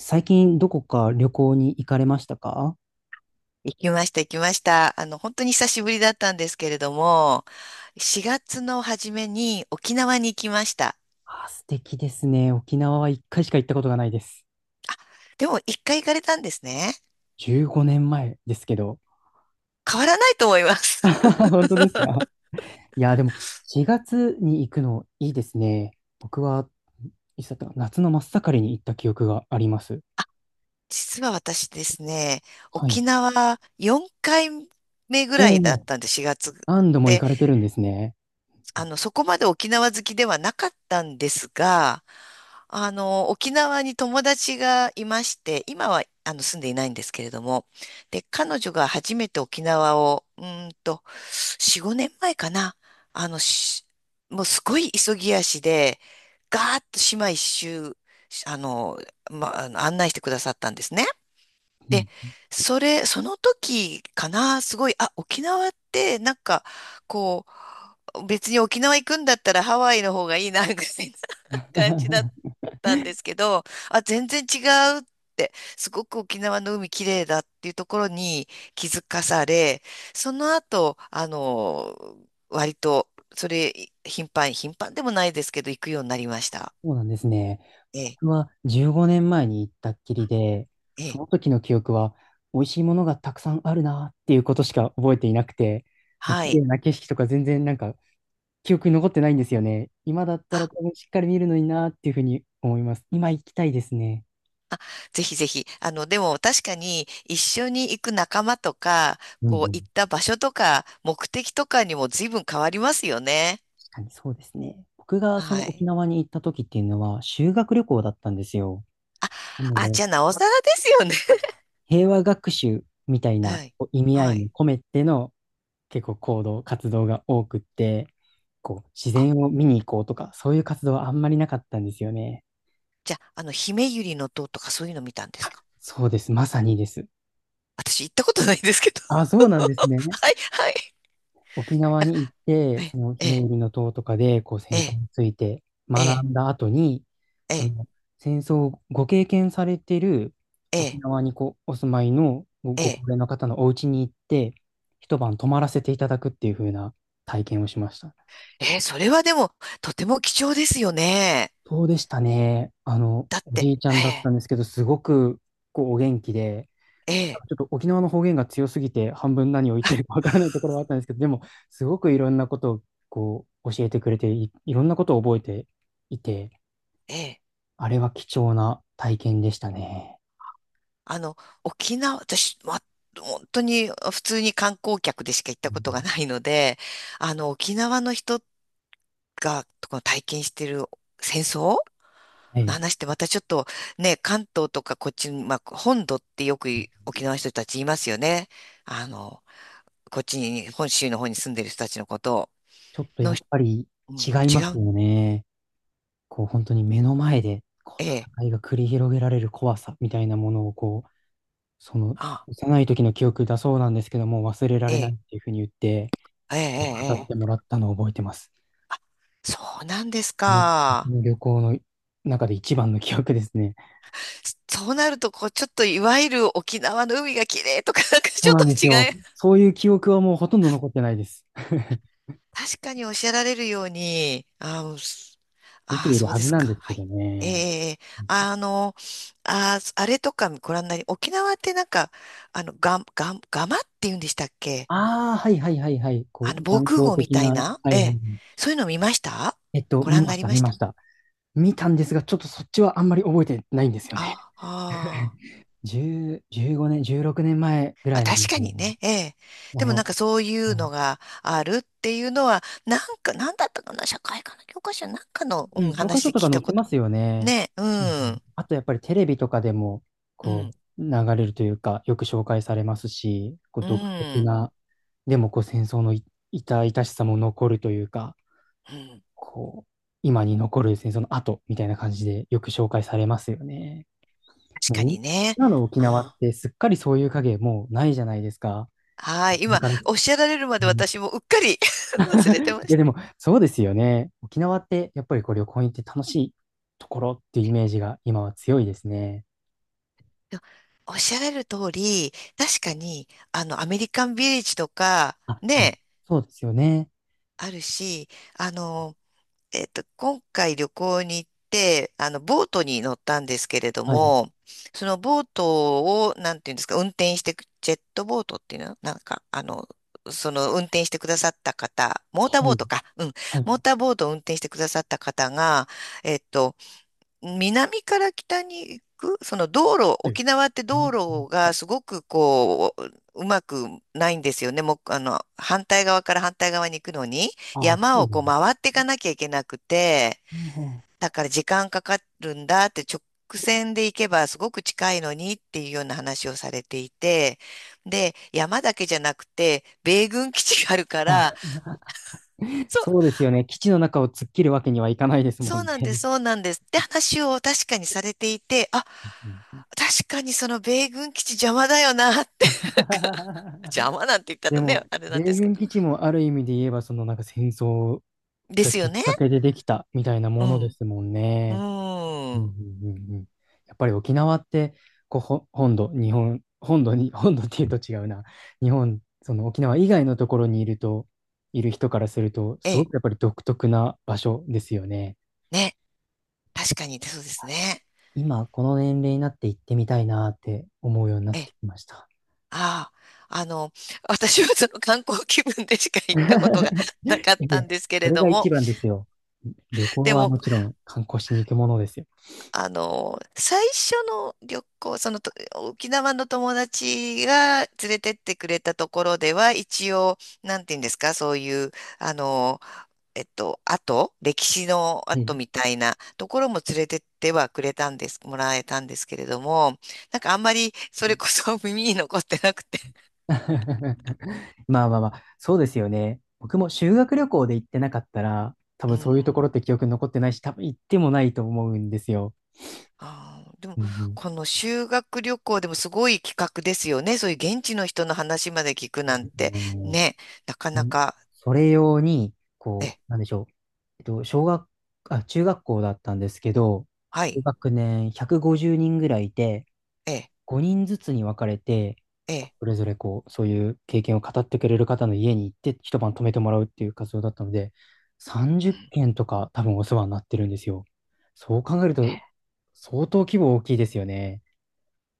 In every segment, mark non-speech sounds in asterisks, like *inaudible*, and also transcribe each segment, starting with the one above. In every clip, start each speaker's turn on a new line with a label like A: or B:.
A: 最近どこか旅行に行かれましたか？
B: 行きました、行きました。本当に久しぶりだったんですけれども、4月の初めに沖縄に行きました。
A: あ、素敵ですね。沖縄は一回しか行ったことがないです。
B: でも、一回行かれたんですね。
A: 15年前ですけど。
B: 変わらないと思います。
A: *laughs* 本当ですか？いや、でも4月に行くのいいですね。僕は、いつだったかな、夏の真っ盛りに行った記憶があります。
B: *laughs* 実は私ですね、
A: はい。
B: 沖縄4回目ぐら
A: お
B: いだっ
A: お、
B: たんで、4月。
A: 何度も行
B: で、
A: かれてるんですね。
B: そこまで沖縄好きではなかったんですが、沖縄に友達がいまして、今は住んでいないんですけれども、で、彼女が初めて沖縄を、4、5年前かな。あの、しもうすごい急ぎ足で、ガーッと島一周、あの、ま、あの案内してくださったんですね。
A: う
B: で、
A: ん。
B: その時かな、すごい、沖縄って、なんか、こう、別に沖縄行くんだったらハワイの方がいいな、ぐらい感じだっ
A: *laughs*
B: たんですけど、全然違うって、すごく沖縄の海綺麗だっていうところに気づかされ、その後、割と、それ、頻繁、頻繁でもないですけど、行くようになりました。
A: そうなんですね。
B: ええ、
A: 僕は15年前に行ったっきりで、
B: え
A: そ
B: え、
A: の時の記憶は、美味しいものがたくさんあるなっていうことしか覚えていなくて、その
B: は
A: 綺麗
B: い。
A: な景色とか全然なんか記憶に残ってないんですよね。今だったら
B: あ、
A: 多分しっかり見るのになっていうふうに思います。今行きたいですね。
B: あ、ぜひぜひ。でも確かに一緒に行く仲間とか、
A: うん
B: こう、
A: う
B: 行
A: ん。
B: った場所とか、目的とかにも随分変わりますよね。
A: 確かにそうですね。僕がそ
B: は
A: の沖
B: い。
A: 縄に行った時っていうのは修学旅行だったんですよ。
B: あ、
A: なの
B: あ、
A: で、
B: じゃあ、なおさらですよね。
A: 平和学習みたいな、
B: はい。
A: こう、意味合
B: は
A: いも
B: い。
A: 込めての、結構行動、活動が多くって、こう、自
B: あ、
A: 然を見に行こうとか、そういう活動はあんまりなかったんですよね。
B: じゃあ、姫百合の塔とかそういうの見たんですか？
A: そうです。まさにです。
B: 私行ったことないんですけど。
A: あ、
B: *laughs*
A: そうなんですね。
B: はい、はい。
A: 沖縄に行って、そ
B: え、
A: のひめ
B: え、
A: ゆりの塔とかで、こう、
B: え、
A: 戦争
B: え、
A: について学
B: え、
A: んだ後に、そ
B: え、
A: の戦争をご経験されてる
B: え、
A: 沖
B: え、
A: 縄にこうお住まいのご高
B: え、
A: 齢の方のお家に行って、一晩泊まらせていただくっていう風な体験をしました。
B: それはでも、とても貴重ですよね。
A: そうでしたね。あの、
B: だっ
A: お
B: て、
A: じいちゃ
B: え
A: んだった
B: え、
A: んですけど、すごく、こう、お元気で、
B: ええ、
A: ちょっと沖縄の方言が強すぎて、半分何を言ってるかわからないところはあったんですけど、でも、すごくいろんなことを、こう、教えてくれてい、いろんなことを覚えていて、
B: ええ、
A: あれは貴重な体験でしたね。
B: あの、沖縄、私、本当に普通に観光客でしか行っ
A: う
B: たことが
A: ん、
B: ないので、沖縄の人が、この体験してる戦争
A: は
B: の
A: い。
B: 話ってまたちょっとね、関東とかこっちに、まあ、本土ってよくい沖縄の人たち言いますよね。あの、こっちに、本州の方に住んでる人たちのことを。
A: ちょっと
B: の、
A: やっぱり
B: うん、
A: 違い
B: 違
A: ます
B: う。
A: よね。こう、本当に目の前で、こう、
B: ええ、
A: 戦いが繰り広げられる怖さみたいなものをその
B: あ、
A: 幼い時の記憶だそうなんですけども、忘れられ
B: え
A: ない
B: え、
A: っていうふうに言って、
B: ええ、え
A: 語
B: え、
A: っても
B: ええ
A: らったのを覚えてます。
B: そうなんです
A: この
B: か。
A: 旅行の中で一番の記憶ですね。
B: そうなると、こう、ちょっといわゆる沖縄の海が綺麗とか、なんか
A: そ
B: ち
A: う
B: ょっ
A: な
B: と
A: んです
B: 違い
A: よ。そういう記憶はもうほとんど残ってないです。*laughs*
B: 確かにおっしゃられるように、うんす
A: 見ている
B: そう
A: は
B: で
A: ず
B: す
A: なんで
B: か。
A: すけ
B: は
A: ど
B: い。
A: ね。
B: ええあの、あれとかご覧になり、沖縄ってなんか、がまって言うんでしたっけ
A: ああ、はいはいはいはい。こう、
B: あの、防
A: 断
B: 空
A: 交
B: 壕み
A: 的
B: たい
A: な、
B: な、
A: は
B: え
A: いはい。
B: え、そういうの見ましたご
A: 見
B: 覧に
A: ま
B: な
A: し
B: り
A: た、
B: ま
A: 見
B: し
A: ま
B: た。
A: した。見たんですが、ちょっとそっちはあんまり覚えてないんですよね。
B: ああ
A: *laughs* 10、15年、16年前ぐ
B: ま
A: ら
B: あ、
A: いなんで
B: 確か
A: すね。
B: にね、ええ。
A: あ
B: でもなん
A: の、
B: かそういうのがあるっていうのは、なんか、なんだったかな、社会科の教科書なんかの、
A: う
B: う
A: ん、
B: ん、
A: 教科
B: 話
A: 書
B: で
A: と
B: 聞
A: か
B: い
A: 載っ
B: た
A: て
B: こ
A: ま
B: と。
A: すよね。
B: ね、う
A: うんうん。
B: ん、
A: あとやっぱりテレビとかでも、
B: うん。
A: こう、流れるというか、よく紹介されますし、こう
B: う
A: 独特
B: ん。
A: な、でもこう戦争の痛々しさも残るというか、
B: うん。
A: こう、今に残る戦争の後みたいな感じでよく紹介されますよね。
B: 確
A: も
B: か
A: う
B: にね。
A: 今の沖
B: う
A: 縄っ
B: ん。
A: てすっかりそういう影もうないじゃないですか。
B: はい。
A: だ
B: 今、
A: から。
B: おっしゃられるまで私もうっかり *laughs* 忘れて
A: *laughs*
B: ま
A: い
B: し
A: や、
B: た。
A: でもそうですよね。沖縄ってやっぱりこう旅行に行って楽しいところっていうイメージが今は強いですね。
B: おっしゃられる通り、確かに、アメリカンビレッジとか、
A: あ、でも
B: ね、
A: そうですよね。
B: あるし、あの、今回旅行に行って、ボートに乗ったんですけれど
A: はい。
B: も、そのボートを、なんていうんですか、運転してく、ジェットボートっていうのなんか、その運転してくださった方、モーター
A: は
B: ボー
A: い。
B: トか、うん、
A: は
B: モー
A: い。
B: ターボートを運転してくださった方が、えっと、南から北に行く、その道路、
A: はい。
B: 沖縄って
A: ね。
B: 道路
A: あ。
B: がすごくこう、うまくないんですよね。もう、反対側から反対側に行くのに、
A: ああ、そ
B: 山
A: う
B: を
A: です
B: こう
A: ね。
B: 回っていかなきゃいけなくて、
A: あ
B: だから時間かかるんだって直線で行けばすごく近いのにっていうような話をされていて、で、山だけじゃなくて、米軍基地があるか
A: あ、
B: ら、
A: あ、
B: そう
A: そうですよね。基地の中を突っ切るわけにはいかないですも
B: そ
A: ん
B: う
A: ね。
B: なんです、そうなんです。って話を確かにされていて、
A: うん。
B: 確かにその米軍基地邪魔だよなって、なんか *laughs* 邪
A: *laughs*
B: 魔なんて言った
A: で
B: ら
A: も、
B: ね、あれな
A: 米
B: んですけ
A: 軍
B: ど。
A: 基地もある意味で言えば、そのなんか戦争
B: で
A: が
B: すよ
A: きっ
B: ね。
A: かけでできたみたいな
B: う
A: もので
B: ん。
A: すもん
B: う
A: ね。う
B: ー
A: んう
B: ん。
A: んうんうん。やっぱり沖縄って、こう、本土、日本、本土に、*laughs* 本土っていうと違うな。日本、その沖縄以外のところにいると、いる人からすると、
B: え
A: すご
B: え、
A: くやっぱり独特な場所ですよね。
B: ね。確かに、そうですね。
A: 今、この年齢になって行ってみたいなって思うようになっ
B: ええ、
A: てきました。
B: ああ、私はその観光気分でしか行ったことがな
A: *laughs*
B: かっ
A: い
B: た
A: や、
B: んですけ
A: そ
B: れ
A: れ
B: ど
A: が一
B: も、
A: 番ですよ。旅行
B: で
A: は
B: も、
A: もちろん観光しに行くものですよ。
B: 最初の旅行、そのと、沖縄の友達が連れてってくれたところでは、一応、なんていうんですか、そういう、あの、歴史の
A: はい。
B: 跡みたいなところも連れてってはくれたんです、もらえたんですけれども、なんかあんまりそれこそ *laughs* 耳に残ってなくて。
A: *laughs* まあまあまあ、そうですよね。僕も修学旅行で行ってなかったら、多
B: う
A: 分そういう
B: ん。
A: ところって記憶に残ってないし、多分行ってもないと思うんですよ。
B: ああ、でも、
A: うんうん、
B: この修学旅行でもすごい企画ですよね。そういう現地の人の話まで聞く
A: そう
B: なん
A: です
B: て、
A: ね。
B: ね、なか
A: も
B: な
A: う
B: か。
A: それ用に、こ
B: ね
A: う、なんでしょう。えっと、小学、あ、中学校だったんですけど、
B: は
A: 一
B: い。
A: 学年150人ぐらいいて、
B: ええ、
A: 5人ずつに分かれて、
B: ええ、
A: それぞれこう、そういう経験を語ってくれる方の家に行って一晩泊めてもらうっていう活動だったので、30件とか多分お世話になってるんですよ。そう考える
B: ええ
A: と相当規模大きいですよね。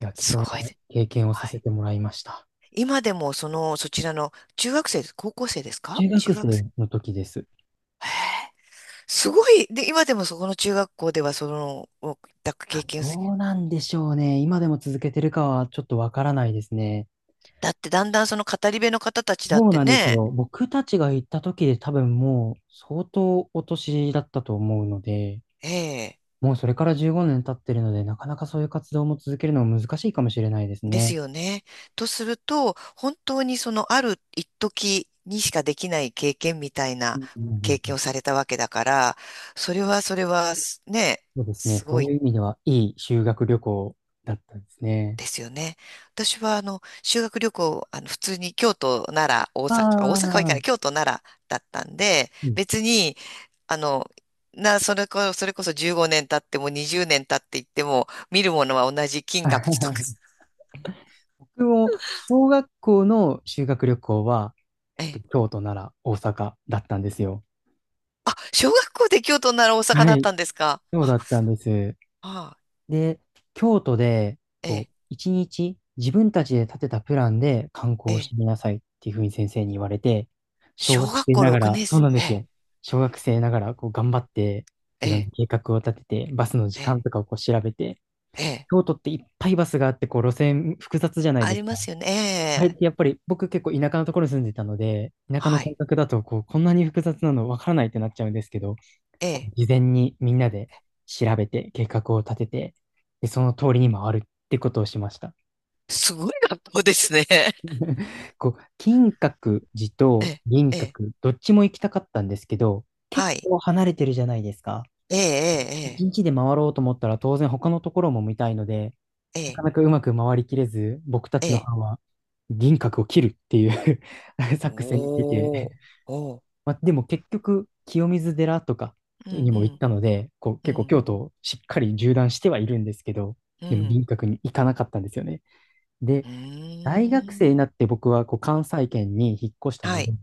A: いや、貴
B: すご
A: 重
B: い
A: な
B: で。
A: 経験をさ
B: は
A: せ
B: い。
A: てもらいました。
B: 今でも、そちらの、中学生です、高校生ですか
A: 中学
B: 中学生。
A: 生の時です。
B: へえ、すごい。で、今でもそこの中学校では、おだ経験す
A: どうなんでしょうね。今でも続けてるかはちょっとわからないですね。
B: だって、だんだんその語り部の方たちだっ
A: そう
B: て
A: なんです
B: ね、
A: よ。僕たちが行った時で多分もう相当お年だったと思うので、
B: ええ、
A: もうそれから15年経ってるので、なかなかそういう活動も続けるのも難しいかもしれないです
B: です
A: ね。
B: よね。とすると、本当にその、ある一時にしかできない経験みたい
A: う
B: な
A: んうん
B: 経
A: う
B: 験
A: ん、
B: をされたわけだから、それは、それは、すね、
A: そうですね。
B: す
A: そ
B: ご
A: う
B: い
A: いう意味では、いい修学旅行だったんですね。
B: ですよね。私はあの修学旅行、あの普通に京都、奈良、大
A: あ
B: 阪、大阪は行かない、
A: あ、
B: 京都、奈良だったんで、
A: うん。
B: 別に、あの、な、それこ、*laughs* それこそ15年経っても20年経っていっても、見るものは同じ金閣寺とか。*laughs*
A: *laughs* 僕も小学校の修学旅行は、
B: ええ。
A: 京都、奈良、大阪だったんですよ。
B: あ、小学校で京都、奈良、大阪
A: は
B: だっ
A: い。
B: たんですか。
A: そうだ
B: は
A: ったんです。
B: あ、
A: で、京都で、
B: え
A: こ
B: え、
A: う、一日自分たちで立てたプランで観
B: え
A: 光し
B: え。
A: てみなさいっていうふうに先生に言われて、小
B: 小
A: 学
B: 学
A: 生
B: 校
A: なが
B: 6
A: ら、
B: 年
A: そう
B: 生、
A: なん
B: え
A: ですよ。
B: え、
A: 小学生ながら、こう、頑張って、
B: え
A: いろんな
B: え、
A: 計画を立てて、バスの時
B: え
A: 間とかをこう調べて、
B: え、ええ
A: 京都っていっぱいバスがあって、こう、路線複雑じゃない
B: あ
A: です
B: りま
A: か。
B: すよね。
A: あれ
B: え
A: っ
B: え、
A: てやっぱり僕結構田舎のところに住んでたので、田舎の
B: は
A: 感
B: い、
A: 覚だとこう、こんなに複雑なのわからないってなっちゃうんですけど、
B: え
A: こう
B: え。
A: 事前にみんなで調べて計画を立てて、で、その通りに回るってことをしました。
B: すごい学校ですね。*laughs*
A: こう、金閣寺
B: え
A: と
B: え、
A: 銀
B: ええ。
A: 閣、どっちも行きたかったんですけど、結
B: はい。
A: 構離れてるじゃないですか。
B: え
A: 一
B: え、
A: 日で回ろうと思ったら当然他のところも見たいので、
B: ええ、え
A: なか
B: え、
A: なかうまく回りきれず、僕た
B: え
A: ちの
B: え。え
A: 班
B: え
A: は銀閣を切るっていう *laughs* 作戦に出て、
B: おー、おー。
A: まあ、でも結局、清水寺とか
B: うん、
A: に
B: う
A: も行っ
B: ん、
A: たので、こう
B: う
A: 結構
B: ん、
A: 京都をしっかり縦断してはいるんですけど、
B: う
A: でも
B: ん。
A: 輪郭に行かなかったんですよね。で、
B: うー
A: 大学生
B: ん。
A: になって僕はこう関西圏に引っ越した
B: は
A: ので、
B: い。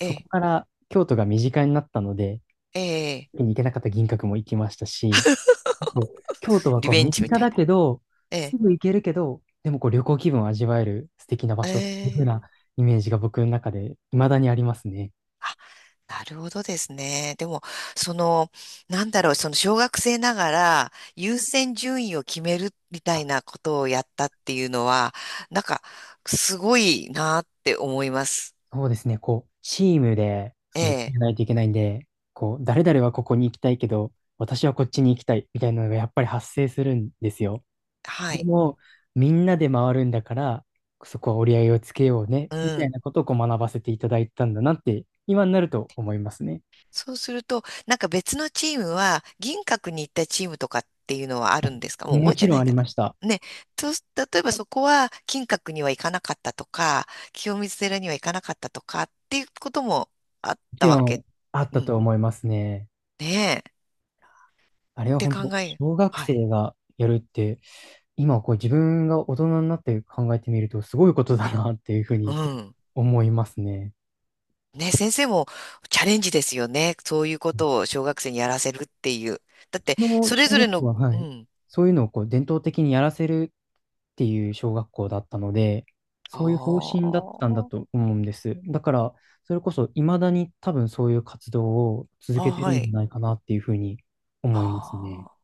B: え
A: こ
B: え、
A: から京都が身近になったので、
B: ええ。
A: 行けなかった銀閣も行きましたし、こう京都は
B: リ
A: こう
B: ベン
A: 身
B: ジみ
A: 近
B: たい
A: だ
B: な。
A: けど、
B: え
A: す
B: え、
A: ぐ行けるけど、でもこう旅行気分を味わえる素敵な場
B: え
A: 所っていう風
B: え。
A: なイメージが僕の中で未だにありますね。
B: あ、なるほどですね。でも、その、なんだろう、その小学生ながら優先順位を決めるみたい
A: あ、
B: なことをやったっていうのは、なんか、すごいなって思います。
A: そうですね、こう、チームで、
B: え
A: その、決
B: え、
A: めないといけないんで、こう、誰々はここに行きたいけど、私はこっちに行きたい、みたいなのがやっぱり発生するんですよ。
B: は
A: で
B: い。
A: も、みんなで回るんだから、そこは折り合いをつけようね、
B: う
A: みたい
B: ん。
A: なことをこう学ばせていただいたんだなって、今になると思いますね。
B: そうすると、なんか別のチームは、銀閣に行ったチームとかっていうのはあるんですか？もう
A: も
B: 覚え
A: ち
B: て
A: ろ
B: な
A: んあ
B: い
A: り
B: かな。
A: ました。
B: ね、そうす、例えばそこは金閣には行かなかったとか、清水寺には行かなかったとかっていうこともあっ
A: もち
B: たわ
A: ろ
B: け。
A: んあっ
B: う
A: たと
B: ん。
A: 思いますね。
B: ねえ、
A: あれ
B: っ
A: は
B: て
A: 本
B: 考
A: 当、
B: え、
A: 小学
B: はい。
A: 生がやるって、今こう自分が大人になって考えてみると、すごいことだなっていうふう
B: う
A: に
B: ん。
A: 思いますね。
B: ね、先生もチャレンジですよね。そういうことを小学生にやらせるっていう。だ
A: う
B: っ
A: ち
B: て、
A: の
B: それ
A: 小
B: ぞれ
A: 学校
B: の、
A: は、は
B: う
A: い。
B: ん。
A: そういうのをこう伝統的にやらせるっていう小学校だったので、そういう方
B: あ
A: 針だったんだ
B: あ、
A: と思うんです。だから、それこそ未だに多分そういう活動を続
B: あ
A: けて
B: は
A: るんじゃ
B: い。
A: ないかなっていうふうに思います
B: あ
A: ね。
B: あ。